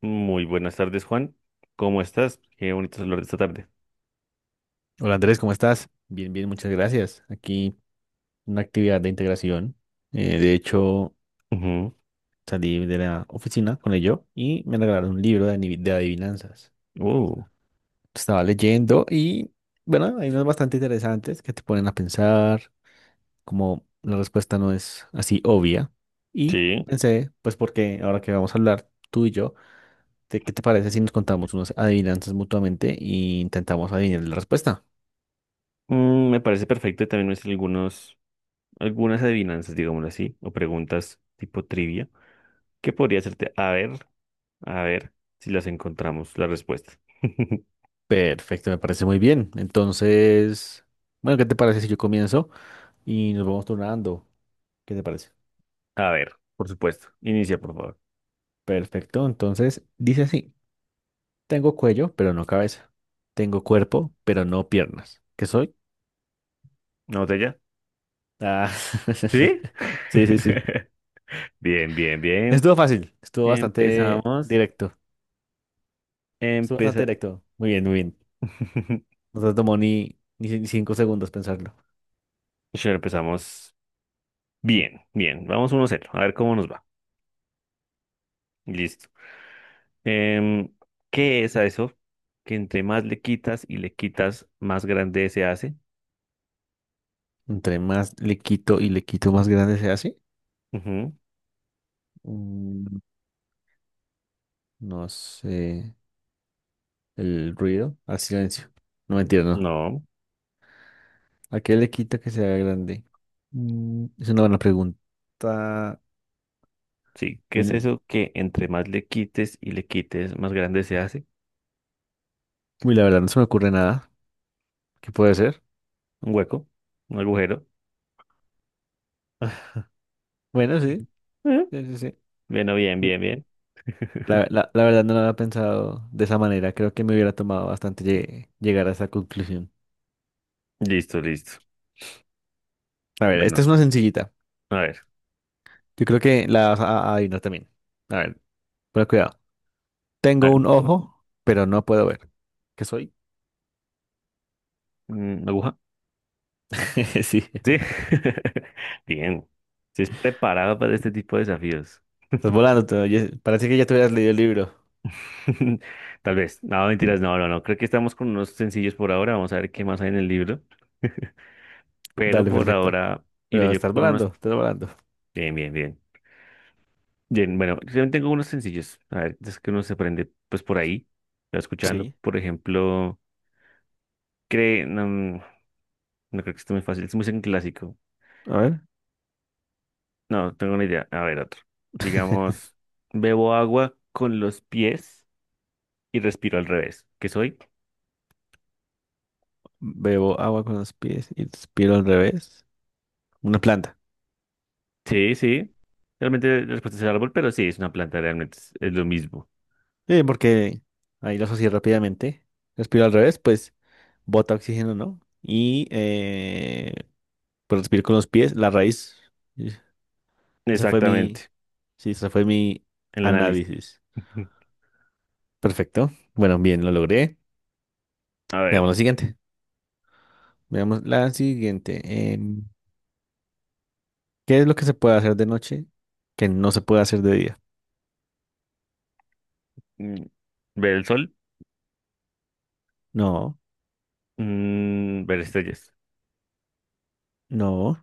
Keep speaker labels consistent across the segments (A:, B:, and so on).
A: Muy buenas tardes, Juan. ¿Cómo estás? Qué bonito hablar de esta tarde.
B: Hola Andrés, ¿cómo estás? Bien, bien, muchas gracias. Aquí una actividad de integración. De hecho,
A: Ujú.
B: salí de la oficina con ello y me regalaron un libro de adivinanzas.
A: Uh,
B: Estaba leyendo y, bueno, hay unas bastante interesantes que te ponen a pensar, como la respuesta no es así obvia. Y
A: sí.
B: pensé, pues porque ahora que vamos a hablar tú y yo, ¿qué te parece si nos contamos unas adivinanzas mutuamente e intentamos adivinar la respuesta?
A: Me parece perfecto. Y también me hice algunos, algunas adivinanzas, digámoslo así, o preguntas tipo trivia. ¿que podría hacerte? A ver si las encontramos, la respuesta.
B: Perfecto, me parece muy bien. Entonces, bueno, ¿qué te parece si yo comienzo y nos vamos turnando? ¿Qué te parece?
A: A ver, por supuesto. Inicia, por favor.
B: Perfecto, entonces dice así, tengo cuello, pero no cabeza. Tengo cuerpo, pero no piernas. ¿Qué soy?
A: ¿Una botella?
B: Ah,
A: ¿Sí?
B: sí, sí, sí.
A: Bien, bien, bien.
B: Estuvo fácil, estuvo bastante
A: Empezamos.
B: directo, estuvo bastante
A: Empeza...
B: directo. Muy bien, muy bien. No te tomó ni 5 segundos pensarlo.
A: Ya empezamos bien, bien. Vamos 1-0. A ver cómo nos va. Listo. Em, ¿Qué es a eso? Que entre más le quitas y le quitas, más grande se hace.
B: Entre más le quito y le quito, más grande se hace.
A: Ujú,
B: Mm, No sé. El ruido al silencio. No mentira, no.
A: no,
B: ¿A qué le quita que sea grande? Mm, es una buena pregunta.
A: sí. ¿Qué
B: Uy,
A: es
B: no-
A: eso? Que entre más le quites y le quites, más grande se hace.
B: uy, la verdad, no se me ocurre nada. ¿Qué puede ser?
A: Un hueco, un agujero.
B: Bueno,
A: Ujú.
B: sí,
A: Eh,
B: sí, sí, sí.
A: Bueno, bien,
B: N-
A: bien, bien.
B: La, la- la verdad no lo había pensado de esa manera. Creo que me hubiera tomado bastante llegar a esa conclusión.
A: Listo, listo.
B: A ver,
A: Bueno,
B: esta es una sencillita.
A: a ver,
B: Yo creo que la vas a adivinar también. A ver, pero cuidado.
A: a
B: Tengo
A: ver.
B: un ojo, pero no puedo ver. ¿Qué soy?
A: ¿Aguja?
B: Sí.
A: Sí. Bien. Si es preparado para este tipo de desafíos.
B: Estás volando, te oyes- Parece que ya te hubieras leído el libro.
A: Tal vez. No, mentiras, no, no, no. Creo que estamos con unos sencillos por ahora. Vamos a ver qué más hay en el libro. Pero
B: Dale,
A: por
B: perfecto.
A: ahora iré
B: Pero
A: yo
B: estás
A: con
B: volando,
A: unos.
B: estás volando.
A: Bien, bien, bien. Bien, bueno, yo también tengo unos sencillos. A ver, es que uno se aprende pues por ahí. Lo escuchando,
B: Sí.
A: por ejemplo, cree, no, no creo que esté muy fácil. Es muy en clásico.
B: A ver,
A: No, tengo una idea. A ver, otro. Digamos, bebo agua con los pies y respiro al revés. ¿Qué soy?
B: bebo agua con los pies y respiro al revés. Una planta.
A: Sí, sí. Realmente la respuesta es el árbol, pero sí, es una planta, realmente es lo mismo.
B: Sí, porque ahí lo asocié rápidamente. Respiro al revés, pues bota oxígeno, ¿no? Y pues respiro con los pies, la raíz. Y Esa fue mi,
A: Exactamente.
B: sí, esa fue mi
A: El análisis.
B: análisis. Perfecto. Bueno, bien, lo logré.
A: A
B: Veamos
A: ver,
B: la siguiente. Veamos la siguiente. Em, ¿Qué es lo que se puede hacer de noche que no se puede hacer de día?
A: mm, ver el sol.
B: No.
A: Ver estrellas.
B: No.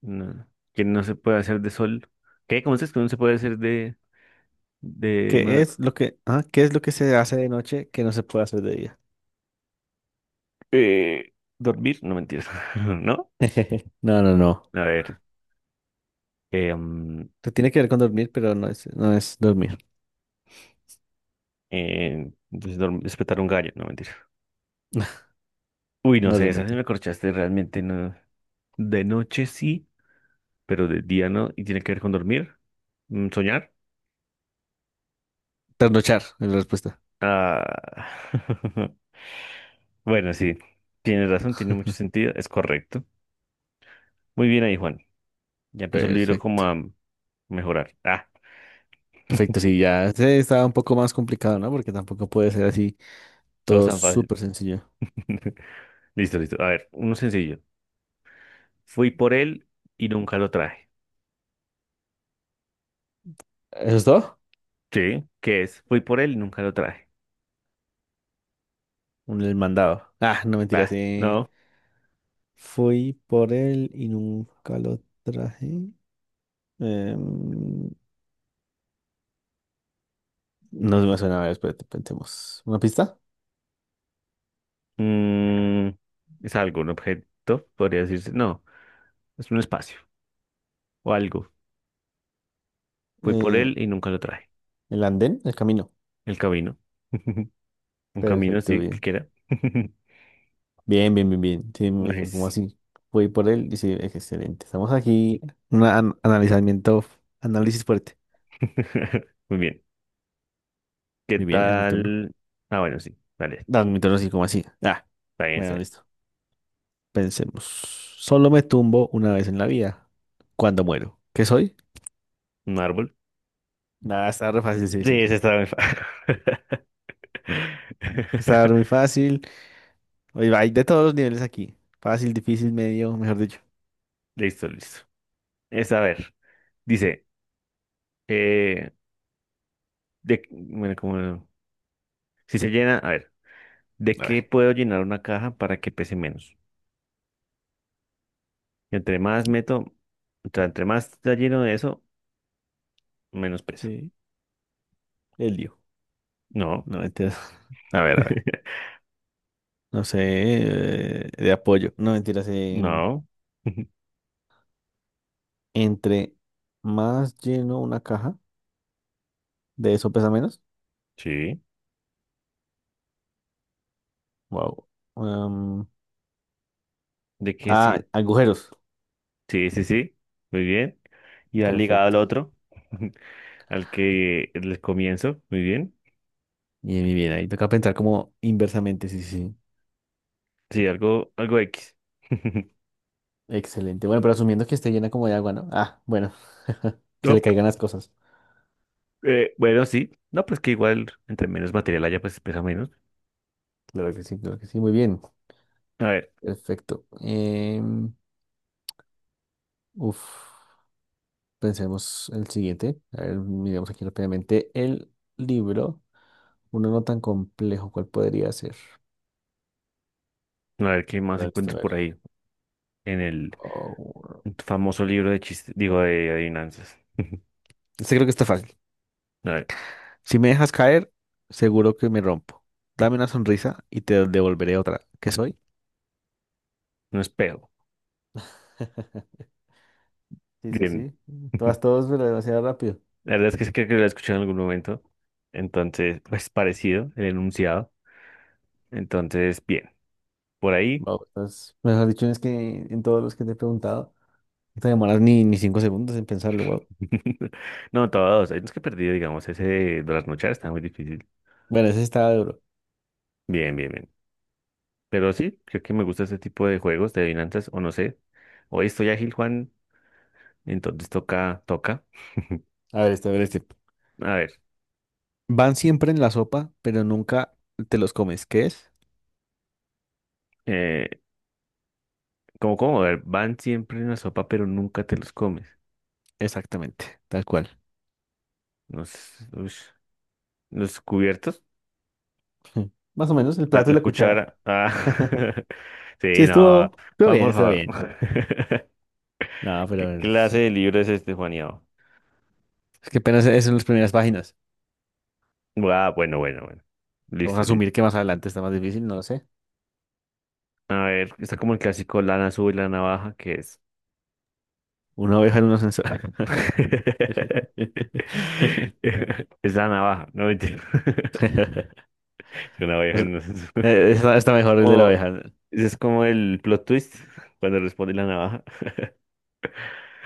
A: No, que no se puede hacer de sol. ¿Qué? ¿Cómo dices que no se puede hacer de
B: ¿Qué es lo que, ah, qué es lo que se hace de noche que no se puede hacer de día?
A: eh, dormir? No mentiras. ¿No?
B: No, no, no.
A: A ver. eh, mm,
B: Te tiene que ver con dormir, pero no es, no es dormir.
A: pues, despertar un gallo. No mentiras. Uy, no
B: No
A: sé, esa sí
B: realmente.
A: me corchaste realmente. No. De noche sí, pero de día no. ¿Y tiene que ver con dormir? ¿Soñar?
B: Trasnochar es la respuesta.
A: Ah. Bueno, sí. Tienes razón, tiene mucho sentido. Es correcto. Muy bien ahí, Juan. Ya empezó el libro como
B: Perfecto.
A: a mejorar. Ah,
B: Perfecto, sí, ya se estaba un poco más complicado, ¿no? Porque tampoco puede ser así
A: todo es
B: todo
A: tan fácil.
B: súper sencillo.
A: Listo, listo. A ver, uno sencillo. Fui por él y nunca lo traje.
B: ¿Eso es todo?
A: Sí. ¿Qué es? Fui por él y nunca lo traje.
B: Un el mandado. Ah, no mentira,
A: Bah,
B: sí.
A: no.
B: Fui por él y nunca lo traje. Em, no me suena, a ver, espérate, pensemos. ¿Una pista?
A: Mm, es algo, un objeto, podría decirse. No, es un espacio o algo. Fui por
B: Eh,
A: él y nunca lo traje.
B: ¿El andén? El camino.
A: El camino. Un camino,
B: Perfecto,
A: sí,
B: bien.
A: cualquiera.
B: Bien, bien, bien, bien. Sí, me dije, ¿como
A: Nice.
B: así? Voy por él y sí, excelente. Estamos aquí. Un analizamiento, análisis fuerte.
A: Muy bien. ¿Qué
B: Muy bien, es mi turno.
A: tal? Ah, bueno, sí. Vale,
B: No, mi turno así como así. Ah,
A: está bien, está
B: bueno,
A: bien.
B: listo. Pensemos. Solo me tumbo una vez en la vida. Cuando muero. ¿Qué soy?
A: Un árbol.
B: Nada, está re fácil, sí, sí,
A: Sí, ese
B: sí.
A: está muy fácil.
B: Está muy fácil. Oye, hay de todos los niveles aquí. Fácil, difícil, medio, mejor dicho.
A: Listo, listo. Es a ver, dice, eh, de, bueno, como, si se llena, a ver, ¿de
B: A
A: qué
B: ver.
A: puedo llenar una caja para que pese menos? Entre más meto, o sea, entre más está lleno de eso, menos pesa.
B: Sí, el lío.
A: No,
B: No, entiendo. A ver, a ver. No sé, de apoyo. No, mentiras,
A: no,
B: entre más lleno una caja, de eso pesa menos.
A: sí,
B: Wow.
A: ¿de qué
B: Ah,
A: sí?
B: agujeros.
A: Sí, sí, sí, muy bien. Y al ligado al
B: Perfecto.
A: otro, al que les comienzo, muy bien.
B: Bien, bien, bien. Ahí toca pensar como inversamente, sí, sí. Sí.
A: Sí, algo, algo X.
B: Excelente. Bueno, pero asumiendo que esté llena como de agua, ¿no? Ah, bueno. se
A: No,
B: le caigan las cosas.
A: bueno, sí, no, pues que igual entre menos material haya, pues pesa menos.
B: Claro que sí, claro que sí. Muy bien.
A: A ver,
B: Perfecto. Uf, pensemos el siguiente. A ver, miremos aquí rápidamente el libro. Uno no tan complejo, ¿cuál podría ser?
A: a ver qué más
B: Bueno, listo, a
A: encuentras
B: ver.
A: por ahí en el
B: Oh,
A: famoso libro de chistes, digo, de adivinanzas.
B: este creo que está fácil.
A: A ver,
B: Si me dejas caer, seguro que me rompo. Dame una sonrisa y te devolveré otra. ¿Qué soy?
A: un espejo.
B: Sí, sí,
A: Bien.
B: sí. Todas, todos, pero demasiado rápido.
A: La verdad es que sí creo que lo he escuchado en algún momento. Entonces, pues parecido el enunciado. Entonces, bien, por ahí.
B: Vamos. Entonces, mejor dicho, es que en todos los que te he preguntado, no te demoras ni 5 segundos en pensarlo, wow.
A: No, todos. Hay unos que he perdido, digamos, ese de las noches está muy difícil.
B: Bueno, ese estaba duro.
A: Bien, bien, bien. Pero sí, creo que me gusta este tipo de juegos de adivinanzas, o no sé. Hoy estoy ágil, Juan. Entonces toca, toca.
B: A ver, este, a ver, este.
A: A ver,
B: Van siempre en la sopa, pero nunca te los comes. ¿Qué es?
A: eh, como, a ver, van siempre en la sopa, pero nunca te los comes.
B: Exactamente, tal cual.
A: Los, ush, los cubiertos,
B: Más o menos el
A: la,
B: plato y
A: la
B: la cuchara.
A: cuchara. Ah.
B: Sí,
A: Sí,
B: estuvo,
A: no.
B: estuvo
A: Juan,
B: bien,
A: por
B: estuvo
A: favor.
B: bien. No,
A: ¿Qué
B: pero
A: clase de libro es este, Juaniao?
B: es que apenas es en las primeras páginas.
A: Ah, ah, bueno, bueno, bueno.
B: Vamos a
A: Listo, listo.
B: asumir que más adelante está más difícil, no lo sé.
A: A ver, está como el clásico lana sube y lana baja, ¿qué es?
B: Una oveja en un ascensor.
A: Es la navaja, no mentira. Es una
B: O
A: navaja.
B: sea,
A: No es-
B: está mejor el de la
A: Oh,
B: oveja.
A: ese es como el plot twist cuando responde la navaja.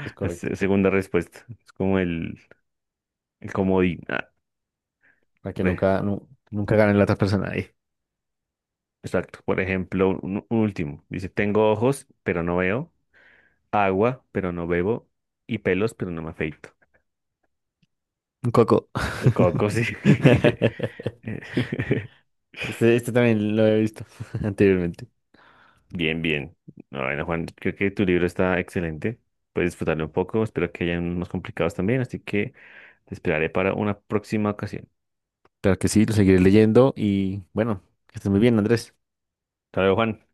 B: Es correcto.
A: Segunda respuesta. Es como el comodín. Ah,
B: Para que
A: re-
B: nunca, nunca gane la otra persona ahí.
A: exacto. Por ejemplo, un último. Dice, tengo ojos, pero no veo. Agua, pero no bebo. Y pelos, pero no me afeito.
B: Un coco.
A: El coco, sí.
B: Este también lo he visto anteriormente.
A: Bien, bien. No, bueno, Juan, creo que tu libro está excelente. Puedes disfrutarlo un poco. Espero que hayan unos complicados también. Así que te esperaré para una próxima ocasión.
B: Claro que sí, lo seguiré leyendo y bueno, que estés muy bien, Andrés.
A: Hasta luego, Juan.